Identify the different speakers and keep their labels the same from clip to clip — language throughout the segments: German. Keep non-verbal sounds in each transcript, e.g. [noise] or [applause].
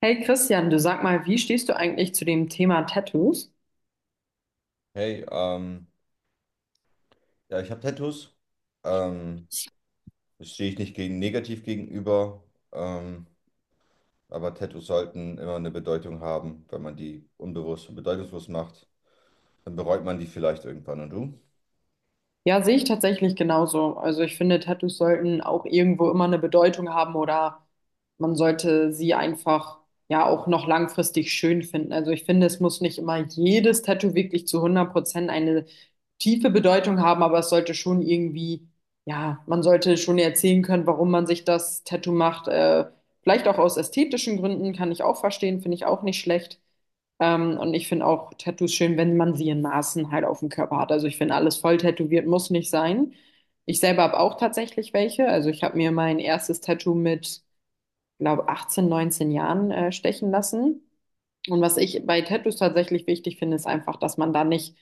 Speaker 1: Hey Christian, du sag mal, wie stehst du eigentlich zu dem Thema Tattoos?
Speaker 2: Hey, ja, ich habe Tattoos. Ähm, das stehe ich nicht gegen negativ gegenüber. Ähm, aber Tattoos sollten immer eine Bedeutung haben. Wenn man die unbewusst und bedeutungslos macht, dann bereut man die vielleicht irgendwann. Und du?
Speaker 1: Ja, sehe ich tatsächlich genauso. Also ich finde, Tattoos sollten auch irgendwo immer eine Bedeutung haben oder man sollte sie einfach ja auch noch langfristig schön finden. Also ich finde, es muss nicht immer jedes Tattoo wirklich zu 100% eine tiefe Bedeutung haben, aber es sollte schon irgendwie, ja, man sollte schon erzählen können, warum man sich das Tattoo macht. Vielleicht auch aus ästhetischen Gründen, kann ich auch verstehen, finde ich auch nicht schlecht. Und ich finde auch Tattoos schön, wenn man sie in Maßen halt auf dem Körper hat. Also ich finde, alles voll tätowiert muss nicht sein. Ich selber habe auch tatsächlich welche. Also ich habe mir mein erstes Tattoo mit, glaube 18, 19 Jahren stechen lassen. Und was ich bei Tattoos tatsächlich wichtig finde, ist einfach, dass man da nicht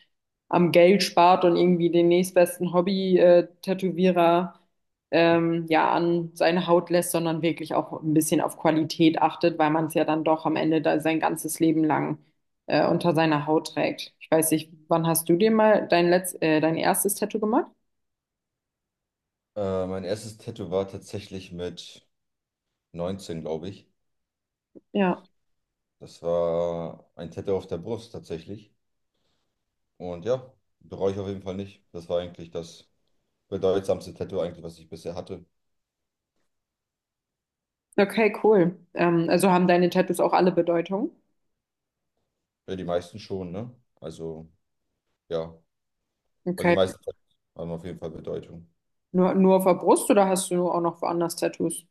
Speaker 1: am Geld spart und irgendwie den nächstbesten Hobby-Tätowierer ja an seine Haut lässt, sondern wirklich auch ein bisschen auf Qualität achtet, weil man es ja dann doch am Ende da sein ganzes Leben lang unter seiner Haut trägt. Ich weiß nicht, wann hast du dir mal dein dein erstes Tattoo gemacht?
Speaker 2: Mein erstes Tattoo war tatsächlich mit 19, glaube ich.
Speaker 1: Ja.
Speaker 2: Das war ein Tattoo auf der Brust tatsächlich. Und ja, bereue ich auf jeden Fall nicht. Das war eigentlich das bedeutsamste Tattoo eigentlich, was ich bisher hatte.
Speaker 1: Okay, cool. Also haben deine Tattoos auch alle Bedeutung?
Speaker 2: Ja, die meisten schon, ne? Also, ja. Also die
Speaker 1: Okay.
Speaker 2: meisten haben auf jeden Fall Bedeutung.
Speaker 1: Nur auf der Brust oder hast du auch noch woanders Tattoos?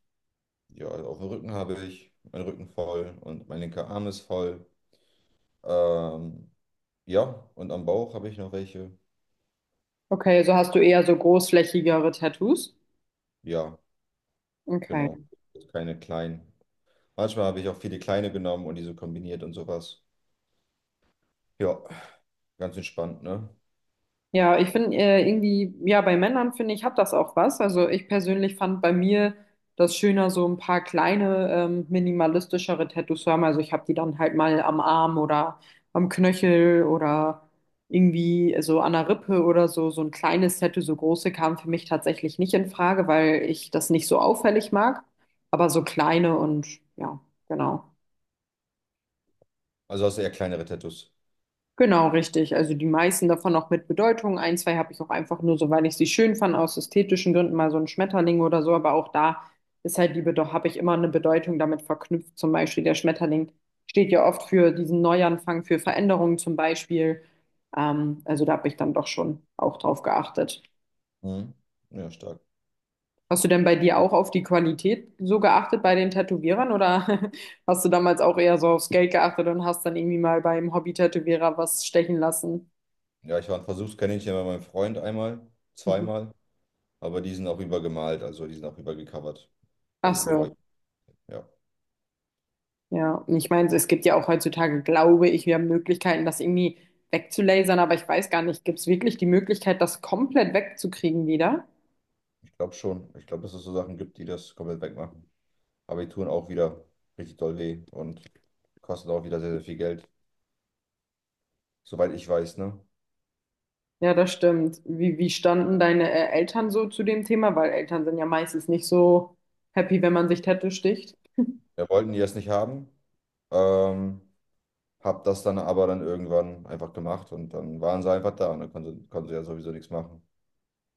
Speaker 2: Ja, also auf dem Rücken habe ich meinen Rücken voll und mein linker Arm ist voll. Ähm, ja, und am Bauch habe ich noch welche.
Speaker 1: Okay, so hast du eher so großflächigere Tattoos.
Speaker 2: Ja,
Speaker 1: Okay.
Speaker 2: genau. Keine kleinen. Manchmal habe ich auch viele kleine genommen und diese kombiniert und sowas. Ja, ganz entspannt, ne?
Speaker 1: Ja, ich finde irgendwie, ja, bei Männern finde ich, hat das auch was. Also ich persönlich fand bei mir das schöner, so ein paar kleine, minimalistischere Tattoos zu haben. Also ich habe die dann halt mal am Arm oder am Knöchel oder irgendwie so an der Rippe oder so. So ein kleines Tattoo, so große kam für mich tatsächlich nicht in Frage, weil ich das nicht so auffällig mag. Aber so kleine und ja, genau.
Speaker 2: Also hast du eher kleinere Tattoos.
Speaker 1: Genau, richtig. Also die meisten davon auch mit Bedeutung. Ein, zwei habe ich auch einfach nur so, weil ich sie schön fand, aus ästhetischen Gründen, mal so ein Schmetterling oder so. Aber auch da ist halt die Bedeutung, habe ich immer eine Bedeutung damit verknüpft. Zum Beispiel der Schmetterling steht ja oft für diesen Neuanfang, für Veränderungen zum Beispiel. Also da habe ich dann doch schon auch drauf geachtet.
Speaker 2: Mhm. Ja, stark.
Speaker 1: Hast du denn bei dir auch auf die Qualität so geachtet bei den Tätowierern oder [laughs] hast du damals auch eher so aufs Geld geachtet und hast dann irgendwie mal beim Hobby-Tätowierer was stechen lassen?
Speaker 2: Ja, ich war ein Versuchskaninchen bei meinem Freund einmal,
Speaker 1: Mhm.
Speaker 2: zweimal, aber die sind auch übergemalt, also die sind auch übergecovert.
Speaker 1: Ach
Speaker 2: Also bereue
Speaker 1: so.
Speaker 2: ich. Ja.
Speaker 1: Ja, und ich meine, es gibt ja auch heutzutage, glaube ich, wir haben Möglichkeiten, das irgendwie wegzulasern, aber ich weiß gar nicht, gibt es wirklich die Möglichkeit, das komplett wegzukriegen wieder?
Speaker 2: Ich glaube schon. Ich glaube, dass es so Sachen gibt, die das komplett wegmachen. Aber die tun auch wieder richtig doll weh und kosten auch wieder sehr, sehr viel Geld. Soweit ich weiß, ne?
Speaker 1: Ja, das stimmt. Wie standen deine Eltern so zu dem Thema? Weil Eltern sind ja meistens nicht so happy, wenn man sich Tattoo sticht.
Speaker 2: Wir wollten die erst nicht haben, ähm, hab das dann aber dann irgendwann einfach gemacht und dann waren sie einfach da und dann konnten sie ja sowieso nichts machen.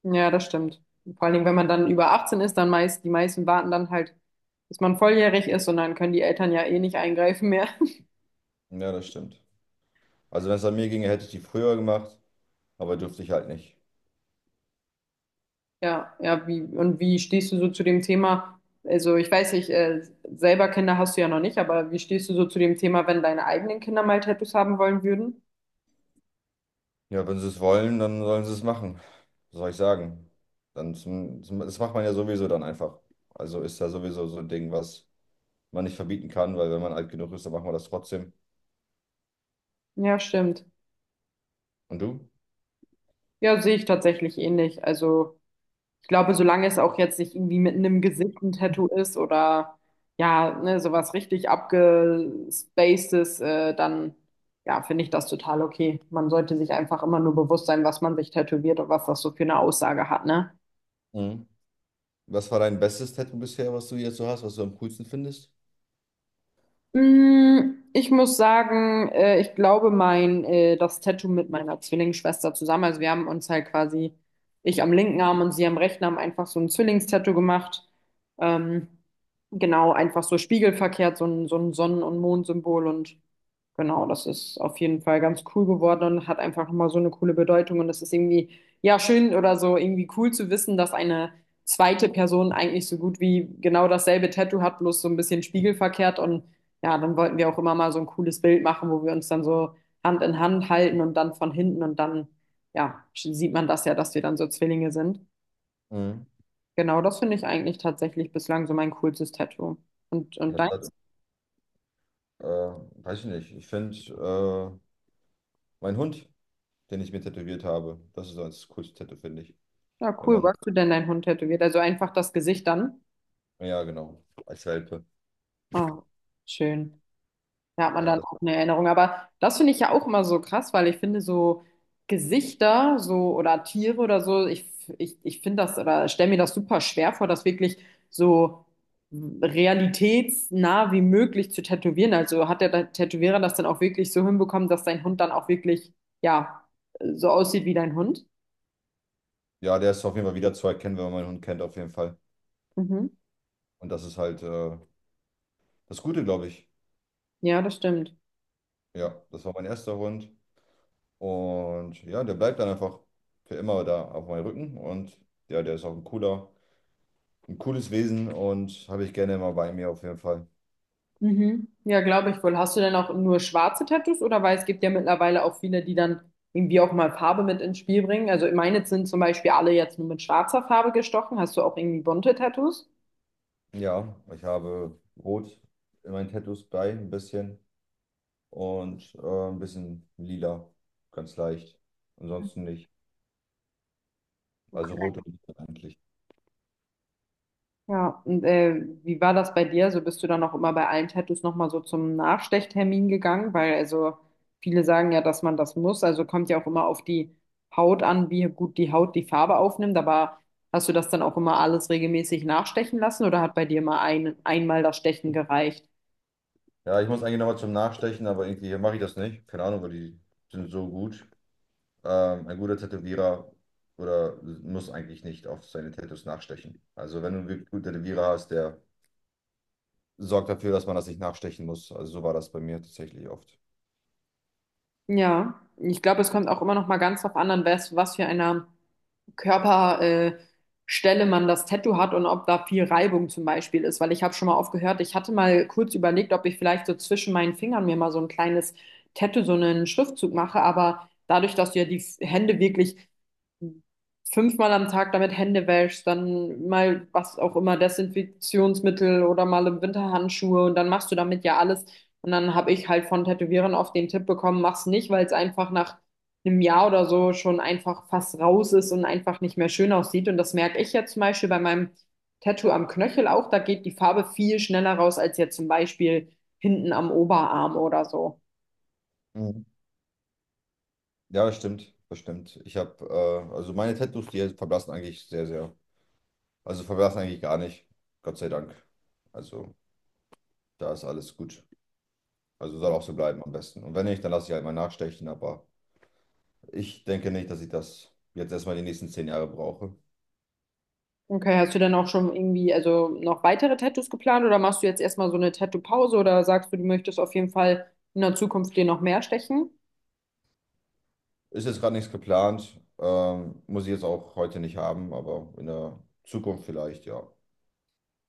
Speaker 1: Ja, das stimmt. Vor allen Dingen, wenn man dann über 18 ist, dann meist, die meisten warten dann halt, bis man volljährig ist und dann können die Eltern ja eh nicht eingreifen mehr.
Speaker 2: Ja, das stimmt. Also wenn es an mir ginge, hätte ich die früher gemacht, aber durfte ich halt nicht.
Speaker 1: Ja, ja, wie, und wie stehst du so zu dem Thema? Also ich weiß nicht, selber Kinder hast du ja noch nicht, aber wie stehst du so zu dem Thema, wenn deine eigenen Kinder mal Tattoos haben wollen würden?
Speaker 2: Ja, wenn sie es wollen, dann sollen sie es machen. Was soll ich sagen? Das macht man ja sowieso dann einfach. Also ist ja sowieso so ein Ding, was man nicht verbieten kann, weil wenn man alt genug ist, dann machen wir das trotzdem.
Speaker 1: Ja, stimmt.
Speaker 2: Und du?
Speaker 1: Ja, sehe ich tatsächlich ähnlich. Also ich glaube, solange es auch jetzt nicht irgendwie mitten im Gesicht ein Tattoo ist oder ja, ne, sowas richtig abgespacedes, dann ja, finde ich das total okay. Man sollte sich einfach immer nur bewusst sein, was man sich tätowiert und was das so für eine Aussage hat, ne?
Speaker 2: Mhm. Was war dein bestes Tattoo bisher, was du jetzt so hast, was du am coolsten findest?
Speaker 1: Mm, ich muss sagen, ich glaube das Tattoo mit meiner Zwillingsschwester zusammen. Also wir haben uns halt quasi, ich am linken Arm und sie am rechten Arm einfach so ein Zwillingstattoo gemacht. Ähm, genau, einfach so spiegelverkehrt, so ein Sonnen- und Mondsymbol und genau, das ist auf jeden Fall ganz cool geworden und hat einfach nochmal so eine coole Bedeutung und das ist irgendwie, ja, schön oder so irgendwie cool zu wissen, dass eine zweite Person eigentlich so gut wie genau dasselbe Tattoo hat, bloß so ein bisschen spiegelverkehrt und ja, dann wollten wir auch immer mal so ein cooles Bild machen, wo wir uns dann so Hand in Hand halten und dann von hinten und dann, ja, sieht man das ja, dass wir dann so Zwillinge sind.
Speaker 2: Mhm.
Speaker 1: Genau, das finde ich eigentlich tatsächlich bislang so mein coolstes Tattoo. Und
Speaker 2: Das
Speaker 1: deins?
Speaker 2: hat, äh, weiß ich nicht. Ich finde mein Hund, den ich mir tätowiert habe, das ist so das coolste Tattoo, finde ich.
Speaker 1: Ja,
Speaker 2: Wenn
Speaker 1: cool.
Speaker 2: man
Speaker 1: Wo
Speaker 2: noch,
Speaker 1: hast du denn deinen Hund tätowiert? Also einfach das Gesicht dann?
Speaker 2: ja, genau, als Welpe.
Speaker 1: Oh, schön. Da hat man
Speaker 2: Ja,
Speaker 1: dann
Speaker 2: das,
Speaker 1: auch eine Erinnerung. Aber das finde ich ja auch immer so krass, weil ich finde so Gesichter so oder Tiere oder so, ich finde das oder stelle mir das super schwer vor, das wirklich so realitätsnah wie möglich zu tätowieren. Also hat der Tätowierer das dann auch wirklich so hinbekommen, dass dein Hund dann auch wirklich, ja, so aussieht wie dein Hund?
Speaker 2: ja, der ist auf jeden Fall wieder zu erkennen, wenn man meinen Hund kennt, auf jeden Fall.
Speaker 1: Mhm.
Speaker 2: Und das ist halt das Gute, glaube ich.
Speaker 1: Ja, das stimmt.
Speaker 2: Ja, das war mein erster Hund. Und ja, der bleibt dann einfach für immer da auf meinem Rücken. Und ja, der ist auch ein cooles Wesen und habe ich gerne immer bei mir auf jeden Fall.
Speaker 1: Mhm. Ja, glaube ich wohl. Hast du denn auch nur schwarze Tattoos oder weil es gibt ja mittlerweile auch viele, die dann irgendwie auch mal Farbe mit ins Spiel bringen. Also meine sind zum Beispiel alle jetzt nur mit schwarzer Farbe gestochen. Hast du auch irgendwie bunte Tattoos?
Speaker 2: Ja, ich habe Rot in meinen Tattoos bei, ein bisschen. Und ein bisschen lila, ganz leicht. Ansonsten nicht. Also rot und lila eigentlich.
Speaker 1: Ja, und wie war das bei dir? So bist du dann auch immer bei allen Tattoos nochmal so zum Nachstechtermin gegangen? Weil also viele sagen ja, dass man das muss. Also kommt ja auch immer auf die Haut an, wie gut die Haut die Farbe aufnimmt. Aber hast du das dann auch immer alles regelmäßig nachstechen lassen oder hat bei dir mal einmal das Stechen gereicht?
Speaker 2: Ja, ich muss eigentlich nochmal zum Nachstechen, aber irgendwie mache ich das nicht. Keine Ahnung, weil die sind so gut. Ein guter Tätowierer oder muss eigentlich nicht auf seine Tattoos nachstechen. Also wenn du einen wirklich guten Tätowierer hast, der sorgt dafür, dass man das nicht nachstechen muss. Also so war das bei mir tatsächlich oft.
Speaker 1: Ja, ich glaube, es kommt auch immer noch mal ganz drauf an, an was für einer Körperstelle Stelle man das Tattoo hat und ob da viel Reibung zum Beispiel ist. Weil ich habe schon mal oft gehört, ich hatte mal kurz überlegt, ob ich vielleicht so zwischen meinen Fingern mir mal so ein kleines Tattoo, so einen Schriftzug mache. Aber dadurch, dass du ja die Hände wirklich 5-mal am Tag damit Hände wäschst, dann mal was auch immer, Desinfektionsmittel oder mal im Winter Handschuhe und dann machst du damit ja alles. Und dann habe ich halt von Tätowierern oft den Tipp bekommen, mach's nicht, weil es einfach nach einem Jahr oder so schon einfach fast raus ist und einfach nicht mehr schön aussieht. Und das merke ich ja zum Beispiel bei meinem Tattoo am Knöchel auch. Da geht die Farbe viel schneller raus als jetzt zum Beispiel hinten am Oberarm oder so.
Speaker 2: Mhm. Ja, das stimmt. Also meine Tattoos, die verblassen eigentlich sehr, sehr. Also verblassen eigentlich gar nicht. Gott sei Dank. Also da ist alles gut. Also soll auch so bleiben am besten. Und wenn nicht, dann lasse ich halt mal nachstechen. Aber ich denke nicht, dass ich das jetzt erstmal die nächsten 10 Jahre brauche.
Speaker 1: Okay, hast du denn auch schon irgendwie, also noch weitere Tattoos geplant oder machst du jetzt erstmal so eine Tattoo-Pause oder sagst du, du möchtest auf jeden Fall in der Zukunft dir noch mehr stechen?
Speaker 2: Ist jetzt gerade nichts geplant. Muss ich jetzt auch heute nicht haben, aber in der Zukunft vielleicht, ja.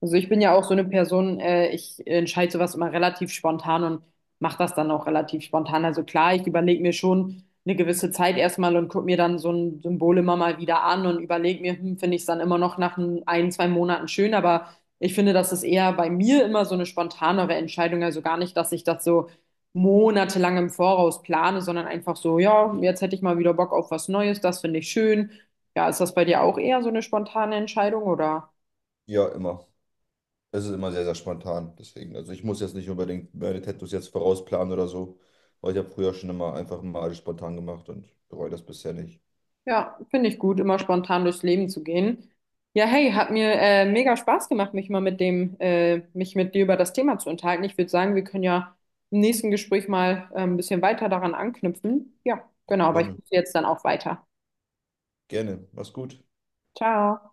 Speaker 1: Also ich bin ja auch so eine Person, ich entscheide sowas immer relativ spontan und mache das dann auch relativ spontan. Also klar, ich überlege mir schon eine gewisse Zeit erstmal und gucke mir dann so ein Symbol immer mal wieder an und überlege mir, hm, finde ich es dann immer noch nach ein, zwei Monaten schön. Aber ich finde, das ist eher bei mir immer so eine spontanere Entscheidung. Also gar nicht, dass ich das so monatelang im Voraus plane, sondern einfach so, ja, jetzt hätte ich mal wieder Bock auf was Neues, das finde ich schön. Ja, ist das bei dir auch eher so eine spontane Entscheidung oder?
Speaker 2: Ja, immer. Es ist immer sehr, sehr spontan. Deswegen, also ich muss jetzt nicht unbedingt meine Tattoos jetzt vorausplanen oder so, weil ich habe früher schon immer einfach mal alles spontan gemacht und bereue das bisher nicht.
Speaker 1: Ja, finde ich gut, immer spontan durchs Leben zu gehen. Ja, hey, hat mir mega Spaß gemacht, mich mal mit mich mit dir über das Thema zu unterhalten. Ich würde sagen, wir können ja im nächsten Gespräch mal ein bisschen weiter daran anknüpfen. Ja, genau, aber ich
Speaker 2: Gerne.
Speaker 1: muss jetzt dann auch weiter.
Speaker 2: Gerne. Mach's gut.
Speaker 1: Ciao.